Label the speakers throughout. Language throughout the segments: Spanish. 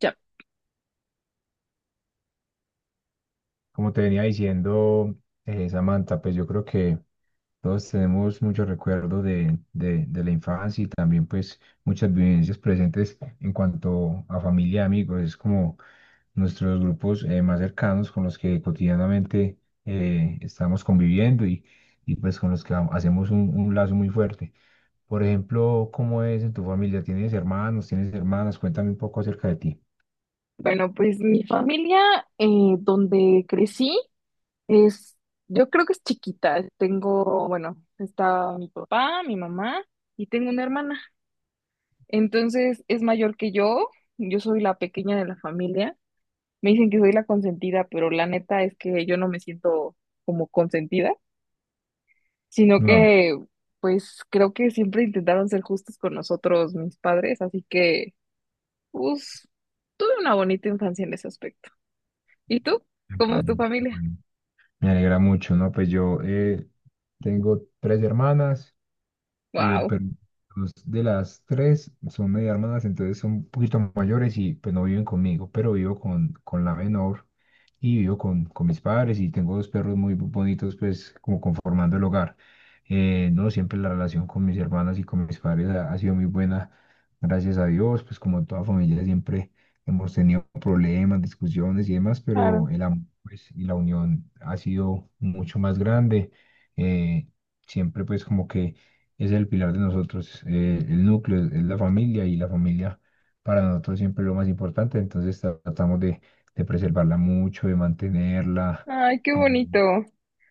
Speaker 1: Ya,
Speaker 2: Como te venía diciendo, Samantha, pues yo creo que todos tenemos muchos recuerdos de la infancia y también pues muchas vivencias presentes en cuanto a familia y amigos. Es como nuestros grupos más cercanos con los que cotidianamente estamos conviviendo y pues con los que hacemos un lazo muy fuerte. Por ejemplo, ¿cómo es en tu familia? ¿Tienes hermanos? ¿Tienes hermanas? Cuéntame un poco acerca de ti.
Speaker 1: bueno, pues mi familia eh, donde crecí es, yo creo que es chiquita. Tengo, bueno, está mi papá, mi mamá y tengo una hermana. Entonces es mayor que yo soy la pequeña de la familia. Me dicen que soy la consentida, pero la neta es que yo no me siento como consentida, sino
Speaker 2: No.
Speaker 1: que pues creo que siempre intentaron ser justos con nosotros, mis padres, así que pues tuve una bonita infancia en ese aspecto. ¿Y tú? ¿Cómo es tu
Speaker 2: Ujú,
Speaker 1: familia?
Speaker 2: bueno. Me alegra mucho, ¿no? Pues yo tengo tres hermanas,
Speaker 1: Wow.
Speaker 2: pero dos de las tres son medio hermanas, entonces son un poquito mayores y pues no viven conmigo, pero vivo con la menor y vivo con mis padres y tengo dos perros muy bonitos, pues como conformando el hogar. No, siempre la relación con mis hermanas y con mis padres ha sido muy buena, gracias a Dios, pues como toda familia siempre hemos tenido problemas, discusiones y demás, pero
Speaker 1: Claro.
Speaker 2: el amor, pues, y la unión ha sido mucho más grande. Eh, Siempre, pues, como que es el pilar de nosotros, el núcleo es la familia y la familia para nosotros siempre es lo más importante, entonces tratamos de preservarla mucho, de mantenerla.
Speaker 1: Ay, qué
Speaker 2: Y,
Speaker 1: bonito.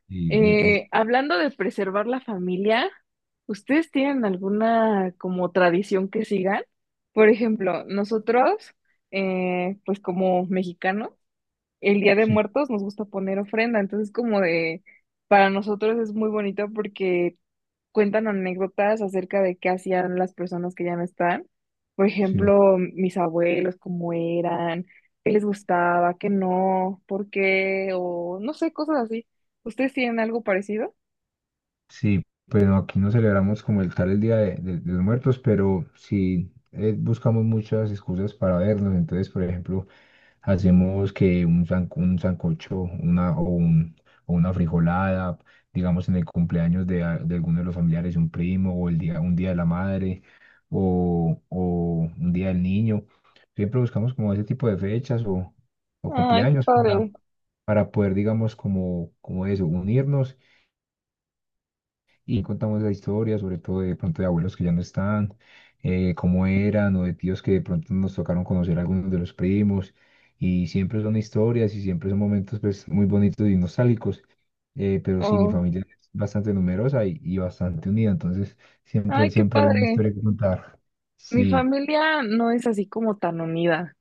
Speaker 2: y es- es-
Speaker 1: Hablando de preservar la familia, ¿ustedes tienen alguna como tradición que sigan? Por ejemplo, nosotros, pues como mexicanos, el Día de
Speaker 2: sí,
Speaker 1: Muertos nos gusta poner ofrenda, entonces como de, para nosotros es muy bonito porque cuentan anécdotas acerca de qué hacían las personas que ya no están. Por
Speaker 2: sí.
Speaker 1: ejemplo, mis abuelos, cómo eran, qué les gustaba, qué no, por qué, o no sé, cosas así. ¿Ustedes tienen algo parecido?
Speaker 2: Sí, pues no, aquí no celebramos como el tal el Día de los Muertos, pero sí buscamos muchas excusas para vernos. Entonces, por ejemplo, hacemos que un sancocho o una frijolada, digamos en el cumpleaños de alguno de los familiares, un primo, o un día de la madre, o un día del niño. Siempre buscamos como ese tipo de fechas o
Speaker 1: Ay, qué
Speaker 2: cumpleaños
Speaker 1: padre.
Speaker 2: para poder, digamos, como eso, unirnos y contamos la historia, sobre todo de pronto de abuelos que ya no están, cómo eran, o de tíos que de pronto nos tocaron conocer a algunos de los primos, y siempre son historias y siempre son momentos, pues, muy bonitos y nostálgicos, pero sí, mi
Speaker 1: Oh,
Speaker 2: familia es bastante numerosa y bastante unida, entonces siempre,
Speaker 1: ay, qué
Speaker 2: siempre hay una
Speaker 1: padre.
Speaker 2: historia que contar.
Speaker 1: Mi
Speaker 2: Sí,
Speaker 1: familia no es así como tan unida.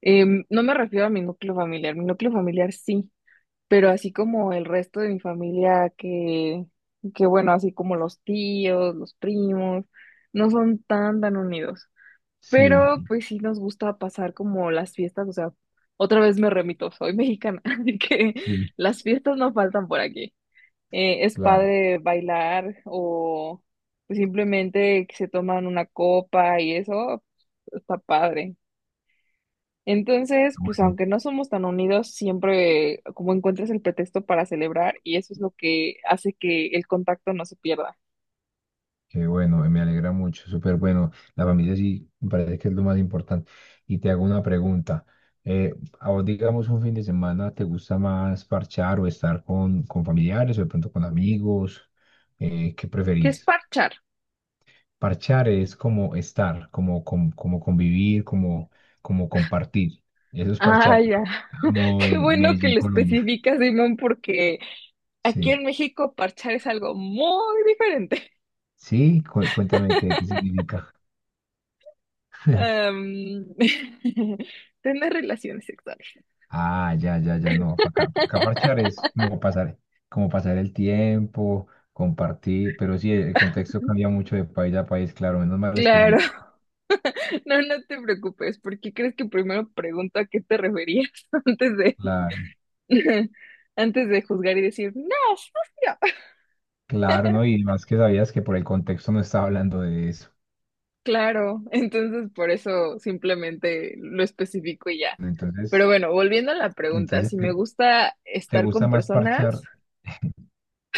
Speaker 1: Em, no me refiero a mi núcleo familiar. Mi núcleo familiar sí. Pero así como el resto de mi familia, que bueno, así como los tíos, los primos, no son tan, tan unidos. Pero
Speaker 2: sí,
Speaker 1: pues sí nos gusta pasar como las fiestas, o sea, otra vez me remito, soy mexicana, así que
Speaker 2: sí,
Speaker 1: las fiestas no faltan por aquí. Es
Speaker 2: claro.
Speaker 1: padre bailar o simplemente que se toman una copa y eso, está padre. Entonces, pues
Speaker 2: Bueno.
Speaker 1: aunque no somos tan unidos, siempre como encuentras el pretexto para celebrar y eso es lo que hace que el contacto no se pierda.
Speaker 2: Qué bueno, me alegra mucho, súper bueno. La familia sí me parece que es lo más importante. Y te hago una pregunta. eh, ¿A vos, digamos, un fin de semana te gusta más parchar o estar con familiares o de pronto con amigos? ¿Qué
Speaker 1: ¿Qué es
Speaker 2: preferís?
Speaker 1: parchar?
Speaker 2: Parchar es como estar, como convivir, como compartir. Eso es
Speaker 1: Ah,
Speaker 2: parchar, pero
Speaker 1: ya.
Speaker 2: como
Speaker 1: Qué
Speaker 2: en
Speaker 1: bueno que
Speaker 2: Medellín,
Speaker 1: lo
Speaker 2: Colombia.
Speaker 1: especificas, Simón, porque aquí en
Speaker 2: Sí.
Speaker 1: México parchar es algo muy diferente.
Speaker 2: Sí, cuéntame qué, qué significa.
Speaker 1: Am, tener relaciones sexuales.
Speaker 2: Ah, ya, ya, ya, no, para acá, pa' acá parchar es como pasar el tiempo, compartir, pero sí, el contexto cambia mucho de país a país, claro, menos mal
Speaker 1: Claro.
Speaker 2: específico.
Speaker 1: No, no te preocupes, porque crees que primero pregunto a qué te referías antes de
Speaker 2: Claro,
Speaker 1: antes de juzgar y decir, no, sucio.
Speaker 2: claro, ¿no? Y más que sabías que por el contexto no estaba hablando de eso.
Speaker 1: Claro, entonces por eso simplemente lo especifico y ya.
Speaker 2: Entonces,
Speaker 1: Pero bueno, volviendo a la pregunta, si
Speaker 2: entonces
Speaker 1: me gusta
Speaker 2: ¿te
Speaker 1: estar con
Speaker 2: gusta más
Speaker 1: personas,
Speaker 2: parchar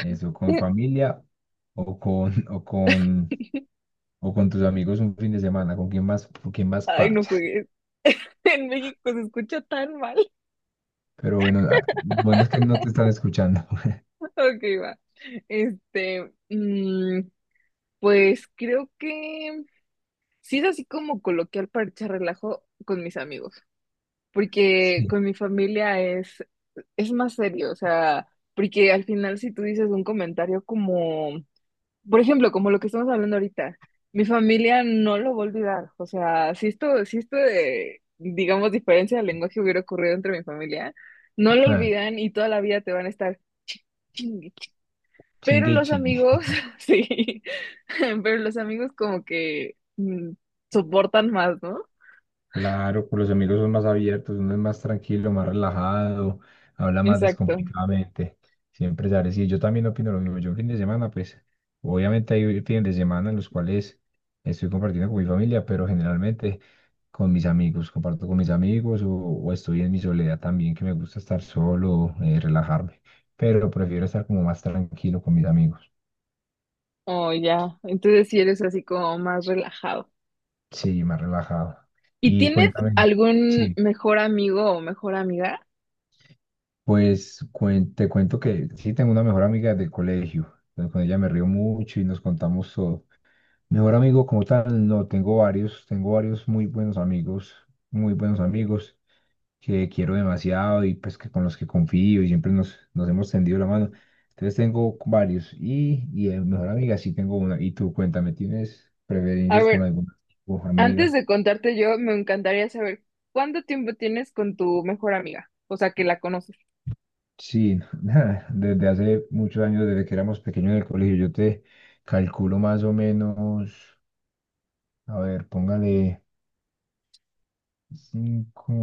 Speaker 2: eso con familia o con, o con tus amigos un fin de semana? Con quién más
Speaker 1: ay, no
Speaker 2: parchas?
Speaker 1: juegues. En México se escucha tan mal.
Speaker 2: Pero bueno, ah, bueno, es que no te están escuchando.
Speaker 1: Ok, va. Este, mm, pues creo que sí es así como coloquial para echar relajo con mis amigos, porque
Speaker 2: Sí,
Speaker 1: con mi familia es más serio, o sea, porque al final si tú dices un comentario como por ejemplo, como lo que estamos hablando ahorita, mi familia no lo va a olvidar. O sea, si esto, si esto de, digamos, diferencia de lenguaje hubiera ocurrido entre mi familia, no lo
Speaker 2: ah,
Speaker 1: olvidan y toda la vida te van a estar ching, ching, ching. Pero
Speaker 2: chingue y
Speaker 1: los
Speaker 2: chingue.
Speaker 1: amigos, sí, pero los amigos como que mm, soportan más, ¿no?
Speaker 2: Claro, con los amigos son más abiertos, uno es más tranquilo, más relajado, habla más
Speaker 1: Exacto.
Speaker 2: descomplicadamente. Siempre sale. Sí, yo también opino lo mismo. Yo, fin de semana, pues, obviamente hay fines de semana en los cuales estoy compartiendo con mi familia, pero generalmente con mis amigos, comparto con mis amigos o estoy en mi soledad también, que me gusta estar solo, relajarme. Pero prefiero estar como más tranquilo con mis amigos.
Speaker 1: Oh, ya. Entonces sí eres así como más relajado.
Speaker 2: Sí, más relajado.
Speaker 1: ¿Y
Speaker 2: Y
Speaker 1: tienes
Speaker 2: cuéntame,
Speaker 1: algún
Speaker 2: sí.
Speaker 1: mejor amigo o mejor amiga?
Speaker 2: Pues te cuento que sí tengo una mejor amiga del colegio. Entonces, con ella me río mucho y nos contamos todo. Mejor amigo como tal, no, tengo varios muy buenos amigos que quiero demasiado y pues que con los que confío y siempre nos hemos tendido la mano. Entonces tengo varios y de mejor amiga sí tengo una. Y tú, cuéntame, ¿tienes
Speaker 1: A
Speaker 2: preferencias con
Speaker 1: ver,
Speaker 2: alguna o
Speaker 1: antes
Speaker 2: amiga?
Speaker 1: de contarte yo, me encantaría saber cuánto tiempo tienes con tu mejor amiga, o sea, que la conoces.
Speaker 2: Sí, desde hace muchos años, desde que éramos pequeños en el colegio, yo te calculo más o menos, a ver, póngale 5,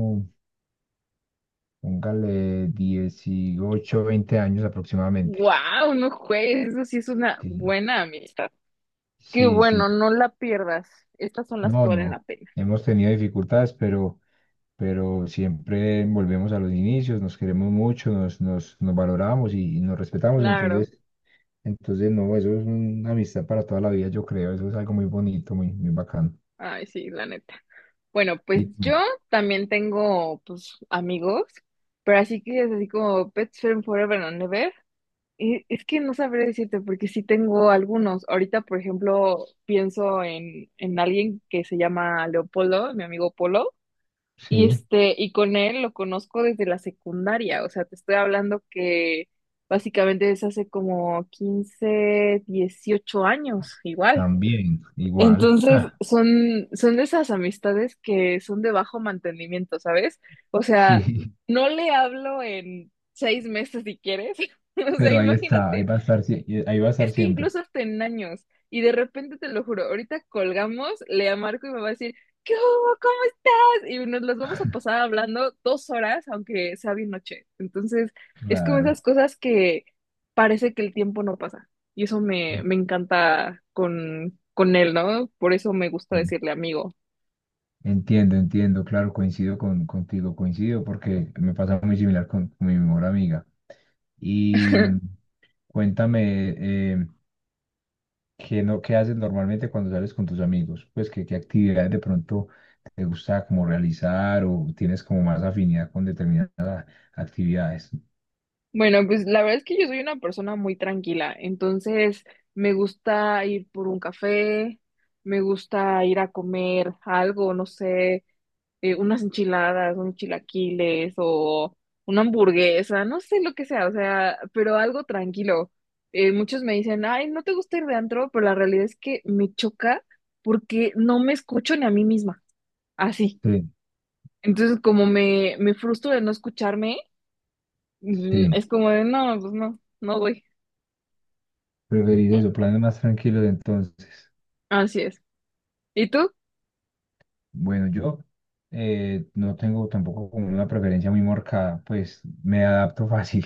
Speaker 2: póngale 18, 20 años aproximadamente.
Speaker 1: Wow, no juegues, eso sí es una
Speaker 2: Sí,
Speaker 1: buena amistad. Qué
Speaker 2: sí,
Speaker 1: bueno,
Speaker 2: sí.
Speaker 1: no la pierdas. Estas son las que
Speaker 2: No,
Speaker 1: valen
Speaker 2: no,
Speaker 1: la pena.
Speaker 2: hemos tenido dificultades, pero siempre volvemos a los inicios, nos queremos mucho, nos valoramos y nos respetamos,
Speaker 1: Claro.
Speaker 2: entonces, entonces, no, eso es una amistad para toda la vida, yo creo, eso es algo muy bonito, muy, muy bacano.
Speaker 1: Ay, sí, la neta. Bueno, pues
Speaker 2: Y
Speaker 1: yo
Speaker 2: tú,
Speaker 1: también tengo, pues, amigos, pero así que es así como Pets Friend Forever and Ever. Es que no sabré decirte porque sí tengo algunos. Ahorita, por ejemplo, pienso en alguien que se llama Leopoldo, mi amigo Polo, y
Speaker 2: sí,
Speaker 1: este, y con él lo conozco desde la secundaria. O sea, te estoy hablando que básicamente es hace como 15 18 años, igual.
Speaker 2: también, igual.
Speaker 1: Entonces,
Speaker 2: Ah,
Speaker 1: son, son de esas amistades que son de bajo mantenimiento, ¿sabes? O sea,
Speaker 2: sí,
Speaker 1: no le hablo en 6 meses si quieres. O sea,
Speaker 2: pero ahí está, ahí
Speaker 1: imagínate.
Speaker 2: va a estar, ahí va a estar
Speaker 1: Es que
Speaker 2: siempre.
Speaker 1: incluso hasta en años. Y de repente, te lo juro, ahorita colgamos, le marco y me va a decir, ¿qué hubo? ¿Cómo estás? Y nos las vamos a pasar hablando 2 horas, aunque sea bien noche. Entonces, es como esas
Speaker 2: Claro.
Speaker 1: cosas que parece que el tiempo no pasa. Y eso me, me encanta con él, ¿no? Por eso me gusta
Speaker 2: Sí.
Speaker 1: decirle amigo.
Speaker 2: Entiendo, entiendo, claro, coincido contigo, coincido porque me pasa muy similar con mi mejor amiga. Y cuéntame, ¿qué, no, ¿qué haces normalmente cuando sales con tus amigos? Pues, ¿qué, qué actividades de pronto te gusta como realizar o tienes como más afinidad con determinadas actividades?
Speaker 1: Bueno, pues la verdad es que yo soy una persona muy tranquila, entonces me gusta ir por un café, me gusta ir a comer algo, no sé, unas enchiladas, unos chilaquiles o una hamburguesa, no sé lo que sea, o sea, pero algo tranquilo. Muchos me dicen, ay, ¿no te gusta ir de antro? Pero la realidad es que me choca porque no me escucho ni a mí misma, así.
Speaker 2: Sí,
Speaker 1: Entonces, como me frustro de no escucharme, mm,
Speaker 2: sí.
Speaker 1: es como de, no, pues no, no voy.
Speaker 2: Preferís eso, planes más tranquilos entonces.
Speaker 1: Así es. ¿Y tú?
Speaker 2: Bueno, yo no tengo tampoco como una preferencia muy marcada, pues me adapto fácil.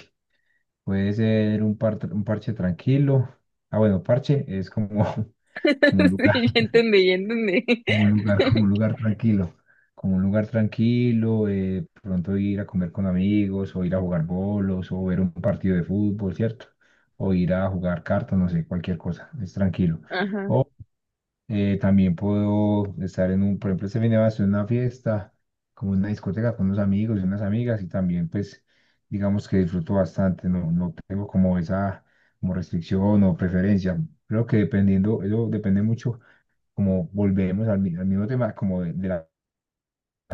Speaker 2: Puede ser un parche tranquilo. Ah, bueno, parche es como, como un lugar,
Speaker 1: Sí, ya entendí, ya entendí.
Speaker 2: como un lugar tranquilo. Como un lugar tranquilo, pronto ir a comer con amigos, o ir a jugar bolos, o ver un partido de fútbol, ¿cierto? O ir a jugar cartas, no sé, cualquier cosa, es tranquilo.
Speaker 1: Ajá,
Speaker 2: También puedo estar en por ejemplo, este fin de semana estuve en una fiesta, como en una discoteca con unos amigos y unas amigas, y también, pues, digamos que disfruto bastante, no, no tengo como esa como restricción o preferencia. Creo que dependiendo, eso depende mucho, como volvemos al mismo tema, como de la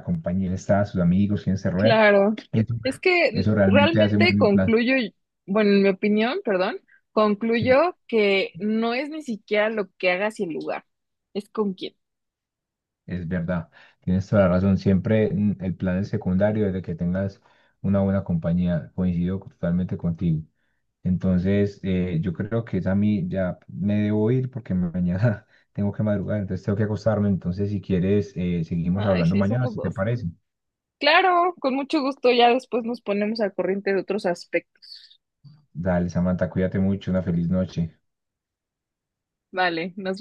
Speaker 2: compañía, está, sus amigos, quién se rodea.
Speaker 1: claro.
Speaker 2: Eso,
Speaker 1: Es que
Speaker 2: eso realmente hace muy
Speaker 1: realmente
Speaker 2: buen plan.
Speaker 1: concluyo, bueno, en mi opinión, perdón,
Speaker 2: Sí.
Speaker 1: concluyo que no es ni siquiera lo que hagas y el lugar, es con quién.
Speaker 2: Es verdad, tienes toda la razón. Siempre el plan es secundario desde que tengas una buena compañía. Coincido totalmente contigo. Entonces, yo creo que es a mí, ya me debo ir porque mañana tengo que madrugar, entonces tengo que acostarme. Entonces, si quieres, seguimos
Speaker 1: Ay,
Speaker 2: hablando
Speaker 1: sí,
Speaker 2: mañana,
Speaker 1: somos
Speaker 2: si te
Speaker 1: dos.
Speaker 2: parece.
Speaker 1: Claro, con mucho gusto, ya después nos ponemos al corriente de otros aspectos.
Speaker 2: Dale, Samantha, cuídate mucho, una feliz noche.
Speaker 1: Vale, nos